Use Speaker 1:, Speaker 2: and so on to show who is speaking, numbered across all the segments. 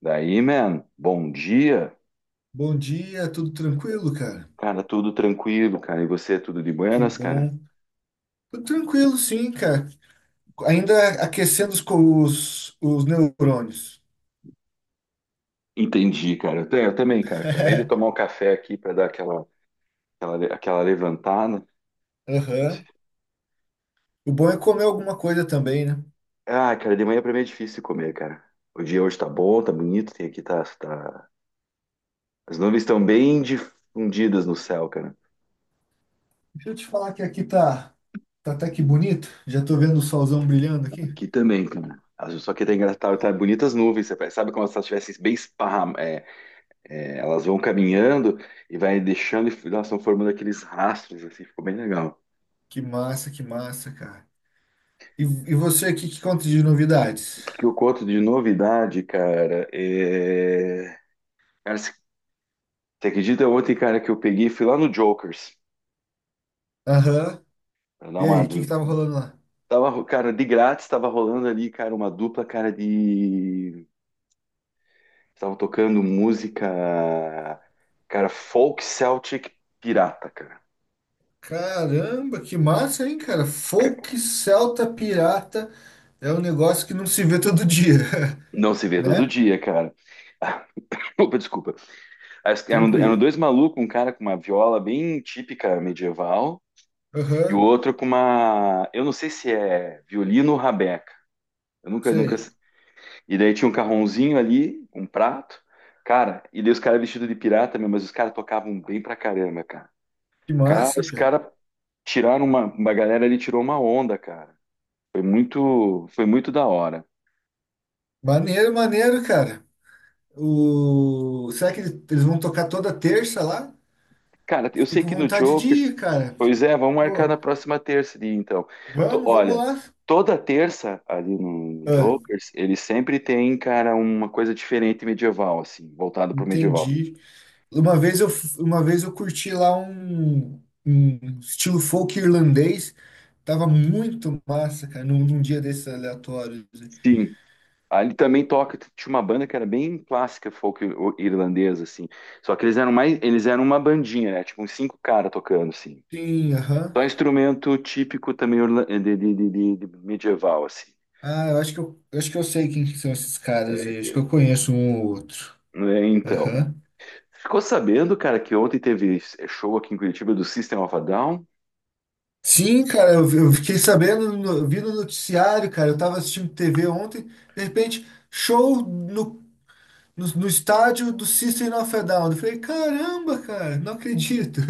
Speaker 1: Daí, man, bom dia.
Speaker 2: Bom dia, tudo tranquilo, cara?
Speaker 1: Cara, tudo tranquilo, cara. E você, tudo de
Speaker 2: Que
Speaker 1: buenas, cara?
Speaker 2: bom. Tudo tranquilo, sim, cara. Ainda aquecendo os, os neurônios.
Speaker 1: Entendi, cara. Eu também, cara. Acabei de tomar um café aqui pra dar aquela levantada.
Speaker 2: Aham. O bom é comer alguma coisa também, né?
Speaker 1: Ah, cara, de manhã pra mim é difícil comer, cara. O dia hoje tá bom, tá bonito, tem aqui tá, tá. As nuvens estão bem difundidas no céu, cara.
Speaker 2: Deixa eu te falar que aqui tá, tá até que bonito. Já tô vendo o solzão brilhando aqui.
Speaker 1: Aqui também, cara. Só que tá engraçado, tá bonitas nuvens, você sabe, como se elas estivessem bem esparramadas. É, elas vão caminhando e vai deixando, e elas estão formando aqueles rastros, assim, ficou bem legal.
Speaker 2: Que massa, cara. E você aqui, que conta de novidades?
Speaker 1: O que eu conto de novidade, cara, é. Cara, você acredita ontem, cara, que eu peguei, fui lá no Jokers,
Speaker 2: Aham.
Speaker 1: pra dar
Speaker 2: E aí,
Speaker 1: uma.
Speaker 2: o que que tava rolando lá?
Speaker 1: Tava, cara, de grátis, tava rolando ali, cara, uma dupla, cara, de. Tava tocando música, cara, folk Celtic pirata, cara.
Speaker 2: Caramba, que massa, hein, cara? Folk Celta Pirata é um negócio que não se vê todo dia,
Speaker 1: Não se vê todo
Speaker 2: né?
Speaker 1: dia, cara. Opa, desculpa. Eram
Speaker 2: Tranquilo.
Speaker 1: dois malucos, um cara com uma viola bem típica medieval e o
Speaker 2: Aham,
Speaker 1: outro com uma, eu não sei se é violino ou rabeca. Eu nunca, nunca.
Speaker 2: sei.
Speaker 1: E daí tinha um carronzinho ali, um prato, cara. E daí os caras vestidos de pirata mesmo, mas os caras tocavam bem pra caramba, cara.
Speaker 2: Que
Speaker 1: Cara,
Speaker 2: massa,
Speaker 1: os
Speaker 2: Pia.
Speaker 1: caras uma galera ali tirou uma onda, cara. Foi muito da hora.
Speaker 2: Maneiro, maneiro, cara. O... Será que eles vão tocar toda terça lá?
Speaker 1: Cara, eu
Speaker 2: Fiquei
Speaker 1: sei
Speaker 2: com
Speaker 1: que no
Speaker 2: vontade de
Speaker 1: Jokers.
Speaker 2: ir, cara.
Speaker 1: Pois
Speaker 2: Fiquei-
Speaker 1: é, vamos marcar
Speaker 2: Pô,
Speaker 1: na próxima terça ali, então.
Speaker 2: vamos, vamos
Speaker 1: Olha,
Speaker 2: lá.
Speaker 1: toda terça ali no
Speaker 2: Ah,
Speaker 1: Jokers, ele sempre tem, cara, uma coisa diferente medieval, assim, voltado pro medieval.
Speaker 2: entendi. Uma vez eu curti lá um estilo folk irlandês. Tava muito massa, cara, num dia desses aleatórios assim.
Speaker 1: Sim. Ali também toca, tinha uma banda que era bem clássica, folk irlandesa, assim. Só que eles eram mais, eles eram uma bandinha, né? Tipo, uns cinco caras tocando, assim.
Speaker 2: Sim, aham.
Speaker 1: Só instrumento típico também de medieval, assim.
Speaker 2: Ah, eu acho que eu sei quem que são esses caras
Speaker 1: É,
Speaker 2: aí. Acho que
Speaker 1: ente-
Speaker 2: eu conheço um ou outro.
Speaker 1: é, então.
Speaker 2: Aham.
Speaker 1: Ficou sabendo, cara, que ontem teve show aqui em Curitiba do System of a Down.
Speaker 2: Sim, cara, eu fiquei sabendo, eu vi no noticiário, cara. Eu tava assistindo TV ontem, de repente, show no estádio do System of a Down. Eu falei, caramba, cara, não acredito.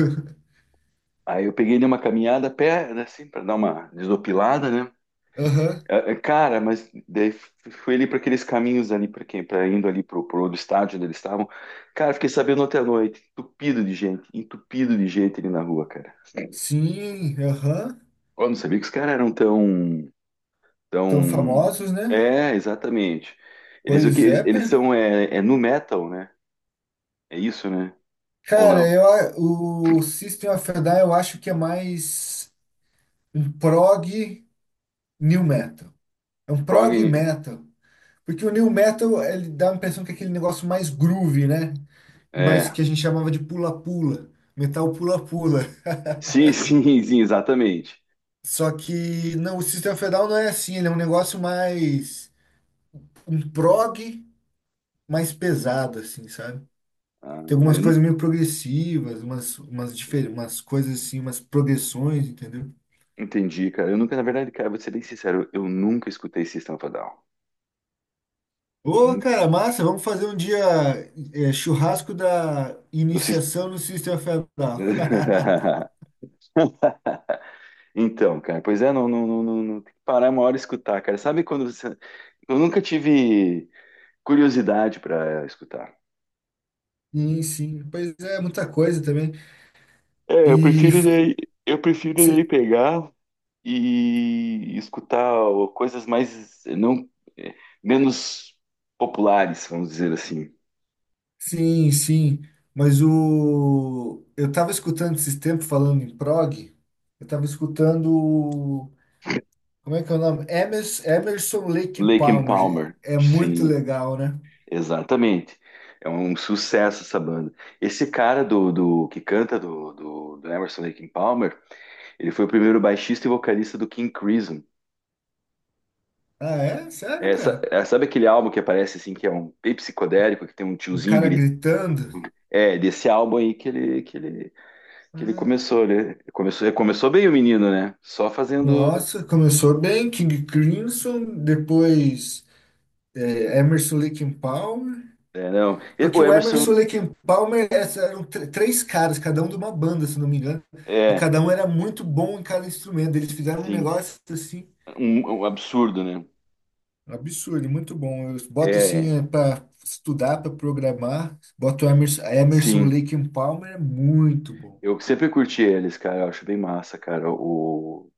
Speaker 1: Aí eu peguei numa caminhada a pé, né, assim, para dar uma desopilada, né?
Speaker 2: Aham.
Speaker 1: É, cara, mas daí fui ali para aqueles caminhos ali para quem, para indo ali pro, outro estádio onde eles estavam. Cara, fiquei sabendo ontem à noite, entupido de gente ali na rua, cara.
Speaker 2: Sim, aham.
Speaker 1: Eu não sabia que os caras eram tão,
Speaker 2: Tão
Speaker 1: tão.
Speaker 2: famosos, né?
Speaker 1: É, exatamente. Eles O que
Speaker 2: Pois
Speaker 1: eles,
Speaker 2: é, pá.
Speaker 1: eles são é nu metal, né? É isso, né? Ou
Speaker 2: Cara,
Speaker 1: não?
Speaker 2: o System of a Down eu acho que é mais um prog new metal. É um
Speaker 1: Prog,
Speaker 2: prog metal. Porque o new metal, ele dá a impressão que é aquele negócio mais groove, né? Mas
Speaker 1: é.
Speaker 2: que a gente chamava de pula-pula. Metal pula-pula.
Speaker 1: Sim, sim, sim, exatamente.
Speaker 2: Só que não, o System of a Down não é assim. Ele é um negócio mais... Um prog mais pesado, assim, sabe?
Speaker 1: Ah,
Speaker 2: Tem algumas
Speaker 1: eu
Speaker 2: coisas meio progressivas, umas coisas assim, umas progressões, entendeu?
Speaker 1: entendi, cara. Eu nunca, na verdade, cara, vou ser bem sincero, eu nunca escutei System of a Down.
Speaker 2: Ô,
Speaker 1: Nun-
Speaker 2: cara, massa, vamos fazer um dia churrasco da
Speaker 1: Do Sys-
Speaker 2: iniciação no System of a Down.
Speaker 1: Então, cara, pois é, não, não, não, não, não- tem que parar uma hora e escutar, cara. Sabe quando você. Eu nunca tive curiosidade para escutar.
Speaker 2: Sim, sim, pois é, muita coisa também.
Speaker 1: É, eu
Speaker 2: E
Speaker 1: prefiro
Speaker 2: f-
Speaker 1: daí, eu prefiro daí
Speaker 2: se-
Speaker 1: pegar e escutar coisas mais não, eh, menos populares, vamos dizer assim.
Speaker 2: sim, mas o eu tava escutando esses tempos falando em prog, eu tava escutando como é que é o nome? Emerson Lake
Speaker 1: Lake and
Speaker 2: Palmer.
Speaker 1: Palmer.
Speaker 2: É muito
Speaker 1: Sim,
Speaker 2: legal, né?
Speaker 1: exatamente. É um sucesso essa banda. Esse cara do que canta do Emerson Lake and Palmer, ele foi o primeiro baixista e vocalista do King Crimson.
Speaker 2: Ah, é? Sério,
Speaker 1: É, sa-
Speaker 2: cara?
Speaker 1: é, sabe aquele álbum que aparece assim, que é um bem psicodélico, que tem um
Speaker 2: Um
Speaker 1: tiozinho
Speaker 2: cara
Speaker 1: gritando?
Speaker 2: gritando?
Speaker 1: É, desse álbum aí que ele
Speaker 2: Ah,
Speaker 1: começou, né? Começou, ele começou bem o menino, né? Só fazendo.
Speaker 2: nossa, começou bem, King Crimson, depois Emerson, Lake and Palmer.
Speaker 1: É, não. O
Speaker 2: Porque o
Speaker 1: Emerson
Speaker 2: Emerson, Lake and Palmer eram três caras, cada um de uma banda, se não me engano. E
Speaker 1: é,
Speaker 2: cada um era muito bom em cada instrumento. Eles fizeram um
Speaker 1: sim,
Speaker 2: negócio assim,
Speaker 1: um absurdo, né?
Speaker 2: absurdo, muito bom. Eu boto
Speaker 1: É,
Speaker 2: assim para estudar, para programar. Boto Emerson,
Speaker 1: sim.
Speaker 2: Lake and Palmer, é muito bom.
Speaker 1: Eu sempre curti eles, cara. Eu acho bem massa, cara,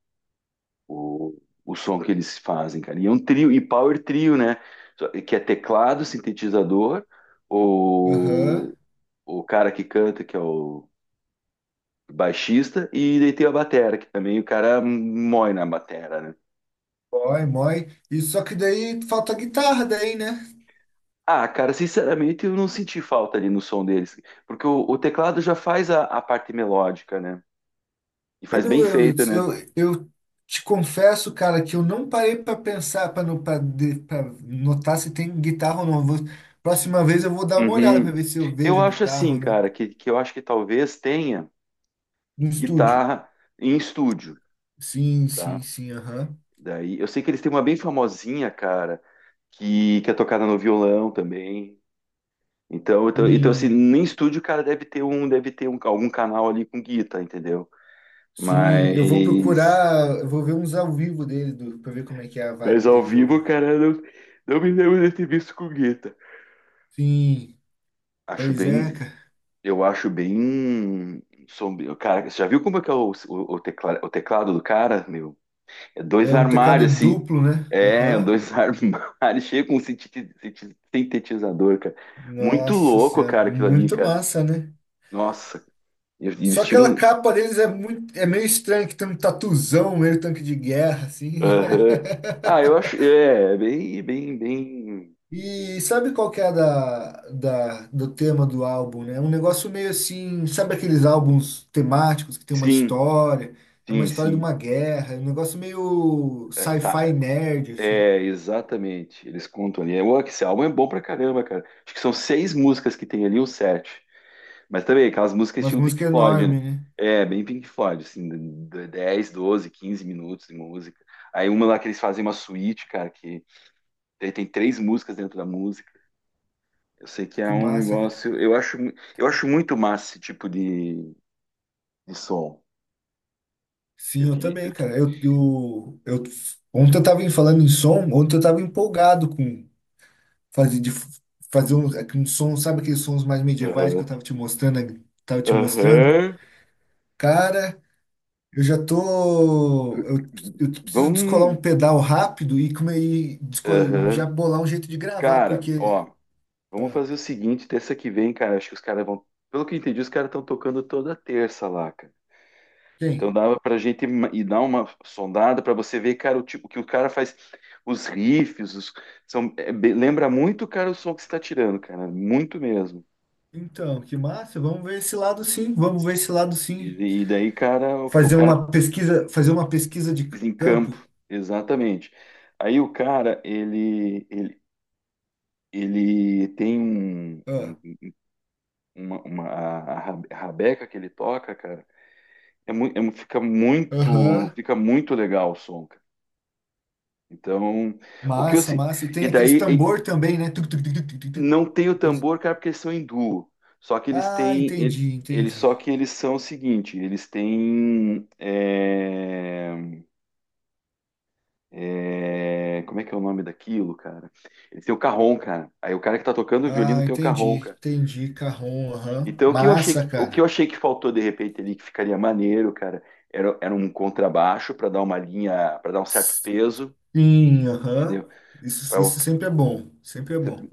Speaker 1: o, o som que eles fazem, cara. E é um trio, e power trio, né? Que é teclado, sintetizador,
Speaker 2: Aham.
Speaker 1: o, o cara que canta, que é o baixista, e daí tem a batera, que também o cara mói na batera, né?
Speaker 2: Mói, mói. E só que daí falta guitarra daí, né?
Speaker 1: Ah, cara, sinceramente, eu não senti falta ali no som deles, porque o teclado já faz a parte melódica, né? E
Speaker 2: Eu,
Speaker 1: faz
Speaker 2: não-
Speaker 1: bem
Speaker 2: eu,
Speaker 1: feito, né?
Speaker 2: eu te confesso, cara, que eu não parei pra pensar, pra no- pra de- pra notar se tem guitarra ou não. Vou- próxima vez eu vou dar uma olhada pra
Speaker 1: Uhum.
Speaker 2: ver se eu
Speaker 1: Eu
Speaker 2: vejo a
Speaker 1: acho
Speaker 2: guitarra ou
Speaker 1: assim,
Speaker 2: não.
Speaker 1: cara, que eu acho que talvez tenha
Speaker 2: No estúdio.
Speaker 1: guitarra em estúdio,
Speaker 2: Sim,
Speaker 1: tá?
Speaker 2: sim, sim, aham.
Speaker 1: Daí, eu sei que eles têm uma bem famosinha, cara, que é tocada no violão também. Então assim,
Speaker 2: Sim,
Speaker 1: nem estúdio o cara deve ter um, algum canal ali com guitarra, entendeu?
Speaker 2: sim, eu vou
Speaker 1: Mas,
Speaker 2: procurar, eu vou ver uns ao vivo dele, do, pra ver como é que é a
Speaker 1: mas
Speaker 2: vibe
Speaker 1: ao
Speaker 2: deles ao
Speaker 1: vivo,
Speaker 2: vivo.
Speaker 1: cara, não me lembro de ter visto com guitarra.
Speaker 2: Sim,
Speaker 1: Acho
Speaker 2: pois é,
Speaker 1: bem,
Speaker 2: cara.
Speaker 1: eu acho bem sombrio. Cara, você já viu como é que é o teclado do cara, meu? Dois
Speaker 2: É um teclado
Speaker 1: armários, assim.
Speaker 2: duplo, né?
Speaker 1: É,
Speaker 2: Aham.
Speaker 1: dois armários cheios com sintetizador, cara. Muito
Speaker 2: Nossa
Speaker 1: louco,
Speaker 2: senhora,
Speaker 1: cara, aquilo ali,
Speaker 2: muito
Speaker 1: cara.
Speaker 2: massa, né?
Speaker 1: Nossa, e eles
Speaker 2: Só
Speaker 1: tiram
Speaker 2: aquela
Speaker 1: um.
Speaker 2: capa deles é muito, é meio estranho, que tem um tatuzão, meio tanque de guerra, assim, né?
Speaker 1: Aham. Ah, eu acho. É bem, bem, bem.
Speaker 2: E sabe qual que é a do tema do álbum, né? É um negócio meio assim, sabe aqueles álbuns temáticos que tem uma
Speaker 1: Sim,
Speaker 2: história, é uma
Speaker 1: sim,
Speaker 2: história de
Speaker 1: sim.
Speaker 2: uma guerra, é um negócio meio
Speaker 1: É, tá.
Speaker 2: sci-fi nerd, assim.
Speaker 1: É, exatamente. Eles contam ali. Ué, que esse álbum é bom pra caramba, cara. Acho que são seis músicas que tem ali, ou sete. Mas também aquelas músicas
Speaker 2: Umas
Speaker 1: estilo Pink
Speaker 2: músicas
Speaker 1: Floyd, né?
Speaker 2: enormes, né?
Speaker 1: É, bem Pink Floyd, assim, 10, 12, 15 minutos de música. Aí uma lá que eles fazem uma suíte, cara, que tem três músicas dentro da música. Eu sei que é
Speaker 2: Que
Speaker 1: um
Speaker 2: massa, cara.
Speaker 1: negócio. Eu acho muito massa esse tipo de som. Eu
Speaker 2: Sim, eu
Speaker 1: queria. Eu,
Speaker 2: também,
Speaker 1: que-
Speaker 2: cara. Ontem eu tava falando em som, ontem eu tava empolgado com fazer de fazer um, aquele som, sabe aqueles sons mais medievais que
Speaker 1: Aham.
Speaker 2: eu tava te mostrando, tava te mostrando?
Speaker 1: Aham.
Speaker 2: Cara, eu já tô, eu preciso descolar um
Speaker 1: Vamos.
Speaker 2: pedal rápido e como aí descolar e já
Speaker 1: Aham.
Speaker 2: bolar um jeito de gravar,
Speaker 1: Cara,
Speaker 2: porque
Speaker 1: ó, vamos fazer o seguinte, terça que vem, cara. Acho que os caras vão. Pelo que eu entendi, os caras estão tocando toda terça lá, cara. Então
Speaker 2: tem.
Speaker 1: dava pra gente ir dar uma sondada pra você ver, cara, o tipo o que o cara faz, os riffs, são, lembra muito, cara, o som que você tá tirando, cara, muito mesmo.
Speaker 2: Então, que massa, vamos ver esse lado sim, vamos ver esse lado sim.
Speaker 1: E daí, cara, o cara
Speaker 2: Fazer uma pesquisa de
Speaker 1: em campo,
Speaker 2: campo.
Speaker 1: exatamente. Aí o cara, ele tem
Speaker 2: Ah,
Speaker 1: a rabeca que ele toca, cara, é, mu- é mu- fica muito,
Speaker 2: aham.
Speaker 1: fica muito legal o som, cara. Então, o que eu
Speaker 2: Massa,
Speaker 1: se-
Speaker 2: massa. E tem
Speaker 1: e
Speaker 2: aqueles
Speaker 1: daí.
Speaker 2: tambor também, né? Tuc, tuc, tuc, tuc, tuc, tuc, tuc.
Speaker 1: Não tem o
Speaker 2: Aqueles...
Speaker 1: tambor, cara, porque eles são hindu. Só que eles
Speaker 2: Ah,
Speaker 1: têm. Ele-
Speaker 2: entendi,
Speaker 1: Eles, só
Speaker 2: entendi.
Speaker 1: que eles são o seguinte, eles têm. Como é que é o nome daquilo, cara? Eles têm o carrom, cara. Aí o cara que tá tocando o violino
Speaker 2: Ah,
Speaker 1: tem o carrom,
Speaker 2: entendi,
Speaker 1: cara.
Speaker 2: entendi, carrom, aham.
Speaker 1: Então o que eu achei
Speaker 2: Massa,
Speaker 1: que, o que
Speaker 2: cara.
Speaker 1: eu achei que faltou de repente ali, que ficaria maneiro, cara, era um contrabaixo para dar uma linha, para dar um certo peso,
Speaker 2: Sim, aham.
Speaker 1: entendeu?
Speaker 2: Isso,
Speaker 1: Pra o-
Speaker 2: isso sempre é bom, sempre é bom.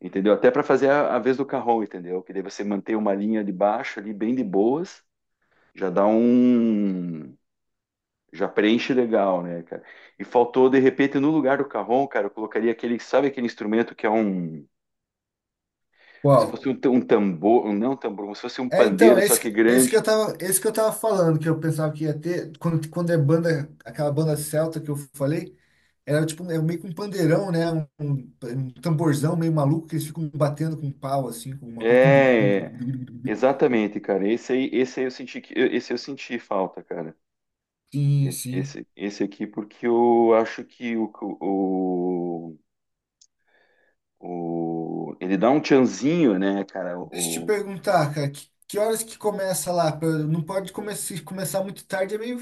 Speaker 1: Entendeu? Até para fazer a vez do carrom, entendeu? Que daí você manter uma linha de baixo ali bem de boas. Já dá um. Já preenche legal, né, cara? E faltou, de repente, no lugar do carrom, cara, eu colocaria aquele, sabe aquele instrumento que é um. Como se
Speaker 2: Qual?
Speaker 1: fosse um tambor, um- não um tambor, como se fosse um
Speaker 2: É, então,
Speaker 1: pandeiro, só que grande.
Speaker 2: esse que eu tava falando, que eu pensava que ia ter, quando, quando é banda, aquela banda celta que eu falei, era tipo, é meio que um pandeirão, né? Um tamborzão meio maluco que eles ficam batendo com pau, assim, com uma coisa.
Speaker 1: É, exatamente, cara. Esse aí eu senti que, esse eu senti falta, cara.
Speaker 2: Sim, sim.
Speaker 1: Esse aqui, porque eu acho que o, ele dá um tchanzinho, né, cara?
Speaker 2: Deixa eu te
Speaker 1: O,
Speaker 2: perguntar, cara, que horas que começa lá? Se começar muito tarde,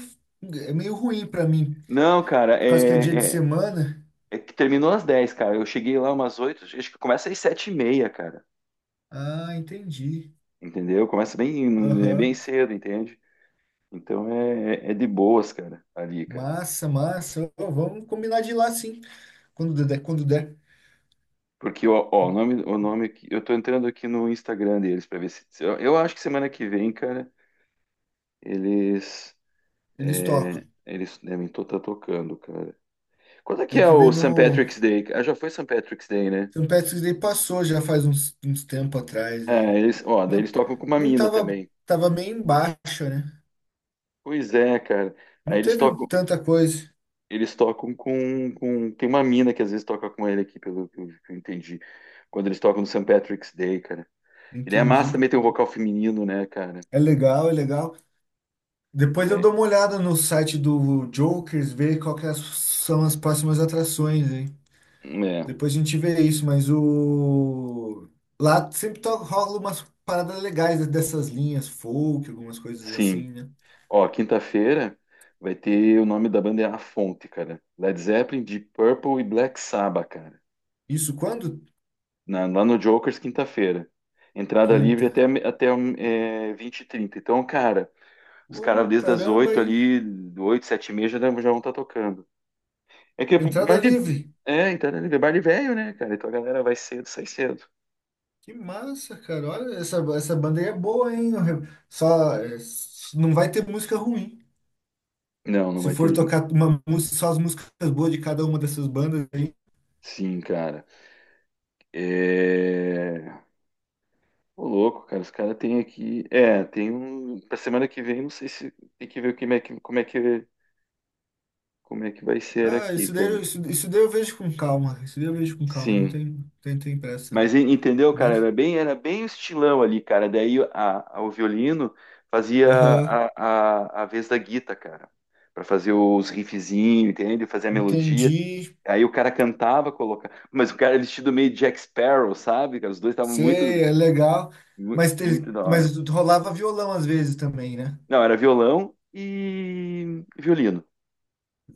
Speaker 2: é meio ruim pra mim,
Speaker 1: não, cara,
Speaker 2: por causa que é dia de
Speaker 1: é, é.
Speaker 2: semana.
Speaker 1: É que terminou às 10, cara. Eu cheguei lá umas 8. Acho que começa às 7h30, cara.
Speaker 2: Ah, entendi.
Speaker 1: Entendeu? Começa bem, é bem
Speaker 2: Aham.
Speaker 1: cedo, entende? Então é de boas, cara, ali, cara.
Speaker 2: Massa, massa. Ô, vamos combinar de ir lá sim, quando der, quando der.
Speaker 1: Porque, ó, o nome que eu tô entrando aqui no Instagram deles pra ver se. Se- Eu acho que semana que vem, cara, eles.
Speaker 2: Eles tocam.
Speaker 1: Eles devem estar tocando, cara. Quando é que
Speaker 2: Tem
Speaker 1: é
Speaker 2: que
Speaker 1: o
Speaker 2: ver
Speaker 1: St.
Speaker 2: no.
Speaker 1: Patrick's Day? Ah, já foi St. Patrick's Day, né?
Speaker 2: St. Patrick's Day passou já faz uns, uns tempo atrás
Speaker 1: Ah,
Speaker 2: aí.
Speaker 1: eles, ó, daí
Speaker 2: Não,
Speaker 1: eles tocam com uma
Speaker 2: não
Speaker 1: mina
Speaker 2: tava,
Speaker 1: também.
Speaker 2: tava meio embaixo, né?
Speaker 1: Pois é, cara. Aí
Speaker 2: Não
Speaker 1: eles
Speaker 2: teve
Speaker 1: tocam.
Speaker 2: tanta coisa.
Speaker 1: Eles tocam com. Tem uma mina que às vezes toca com ele aqui, pelo que eu entendi. Quando eles tocam no Saint Patrick's Day, cara. E daí a massa
Speaker 2: Entendi.
Speaker 1: também tem um vocal feminino, né, cara?
Speaker 2: É legal, é legal. Depois eu
Speaker 1: Daí-
Speaker 2: dou uma olhada no site do Jokers, ver qual que é as- são as próximas atrações, hein?
Speaker 1: É,
Speaker 2: Depois a gente vê isso, mas o... Lá sempre rola umas paradas legais dessas linhas folk, algumas coisas
Speaker 1: sim.
Speaker 2: assim, né?
Speaker 1: Ó, quinta-feira vai ter, o nome da banda é A Fonte, cara. Led Zeppelin, Deep Purple e Black Sabbath, cara.
Speaker 2: Isso quando?
Speaker 1: Lá no Jokers, quinta-feira. Entrada livre até,
Speaker 2: Quinta.
Speaker 1: até 20h30. Então, cara, os caras
Speaker 2: Ô,
Speaker 1: desde as
Speaker 2: caramba,
Speaker 1: 8
Speaker 2: hein?
Speaker 1: ali, 8, 7 e meia já, já vão estar tocando. É que é
Speaker 2: Entrada
Speaker 1: bar de.
Speaker 2: livre.
Speaker 1: É, então, né, bar de velho, né, cara? Então a galera vai cedo, sai cedo.
Speaker 2: Que massa, cara. Olha, essa banda aí é boa, hein? Não vai ter música ruim.
Speaker 1: Não
Speaker 2: Se
Speaker 1: vai
Speaker 2: for
Speaker 1: ter.
Speaker 2: tocar uma música, só as músicas boas de cada uma dessas bandas.
Speaker 1: Sim, cara. É. Ô, louco, cara. Os caras têm aqui. É, tem um. Pra semana que vem, não sei se tem que ver como é que, como é que, como é que vai ser
Speaker 2: Ah,
Speaker 1: aqui, cara.
Speaker 2: isso, isso daí eu vejo com calma. Isso daí eu vejo com calma. Não
Speaker 1: Sim.
Speaker 2: tem, tem, tem pressa, não.
Speaker 1: Mas entendeu, cara?
Speaker 2: Mas,
Speaker 1: Era bem o estilão ali, cara. Daí o violino fazia
Speaker 2: aham,
Speaker 1: a vez da guita, cara. Pra fazer os riffzinhos, entende? Fazer a melodia.
Speaker 2: entendi.
Speaker 1: Aí o cara cantava, colocava. Mas o cara vestido meio Jack Sparrow, sabe, cara? Os dois estavam muito,
Speaker 2: Sei, é legal.
Speaker 1: mu-
Speaker 2: Mas,
Speaker 1: muito da hora.
Speaker 2: mas rolava violão às vezes também, né?
Speaker 1: Não, era violão e violino.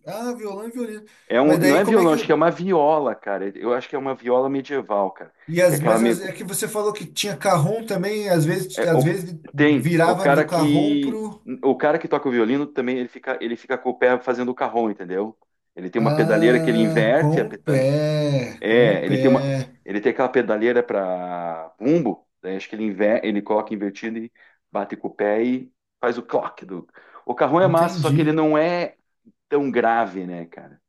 Speaker 2: Ah, violão e violino.
Speaker 1: É um,
Speaker 2: Mas
Speaker 1: não
Speaker 2: daí
Speaker 1: é
Speaker 2: como é
Speaker 1: violão,
Speaker 2: que.
Speaker 1: acho que é uma viola, cara. Eu acho que é uma viola medieval, cara. Que é aquela
Speaker 2: É
Speaker 1: meio.
Speaker 2: que você falou que tinha carrom também,
Speaker 1: é,
Speaker 2: às
Speaker 1: o-
Speaker 2: vezes
Speaker 1: Tem o
Speaker 2: virava
Speaker 1: cara
Speaker 2: do carrom
Speaker 1: que
Speaker 2: pro.
Speaker 1: toca o violino também, ele fica com o pé fazendo o carrom, entendeu? Ele tem uma pedaleira que ele
Speaker 2: Ah, com
Speaker 1: inverte a,
Speaker 2: o
Speaker 1: peda-.
Speaker 2: pé, com o
Speaker 1: É, ele tem uma,
Speaker 2: pé.
Speaker 1: ele tem aquela pedaleira para bumbo, daí acho que ele coloca invertido e bate com o pé e faz o clock do. O carrão é massa, só que ele
Speaker 2: Entendi.
Speaker 1: não é tão grave, né, cara?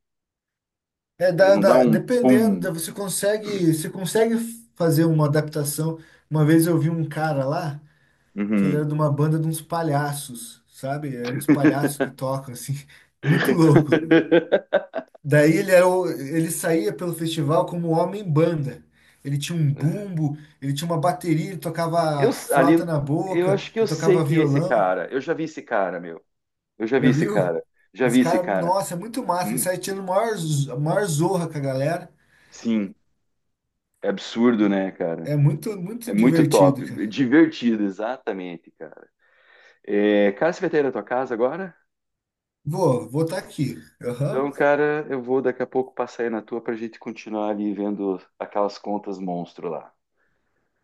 Speaker 1: Ele não dá um
Speaker 2: Dependendo,
Speaker 1: pum.
Speaker 2: dá- você consegue fazer uma adaptação. Uma vez eu vi um cara lá, que ele era
Speaker 1: Uhum.
Speaker 2: de uma banda de uns palhaços, sabe? É uns palhaços que tocam, assim, muito louco. Daí ele era, o- ele saía pelo festival como homem-banda. Ele tinha um bumbo, ele tinha uma bateria, ele tocava
Speaker 1: Ali,
Speaker 2: flauta na
Speaker 1: eu
Speaker 2: boca,
Speaker 1: acho que eu
Speaker 2: ele
Speaker 1: sei
Speaker 2: tocava
Speaker 1: quem é esse
Speaker 2: violão.
Speaker 1: cara. Eu já vi esse cara, meu. Eu já vi
Speaker 2: Já
Speaker 1: esse
Speaker 2: viu?
Speaker 1: cara. Já
Speaker 2: Esse
Speaker 1: vi esse
Speaker 2: cara,
Speaker 1: cara.
Speaker 2: nossa, é muito massa. Ele
Speaker 1: Hum,
Speaker 2: sai tirando maior, maior zorra com a galera.
Speaker 1: sim, é absurdo, né, cara?
Speaker 2: É muito, muito
Speaker 1: É muito
Speaker 2: divertido, cara.
Speaker 1: top, divertido, exatamente, cara. É, cara, você vai ter aí na tua casa agora?
Speaker 2: Vou, vou estar aqui.
Speaker 1: Então,
Speaker 2: Aham.
Speaker 1: cara, eu vou daqui a pouco passar aí na tua pra gente continuar ali vendo aquelas contas monstro lá.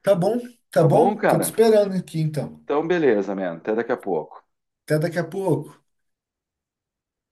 Speaker 2: Tá bom, tá
Speaker 1: Tá bom,
Speaker 2: bom. Tô te
Speaker 1: cara?
Speaker 2: esperando aqui então.
Speaker 1: Então, beleza, mano. Até daqui a pouco.
Speaker 2: Até daqui a pouco.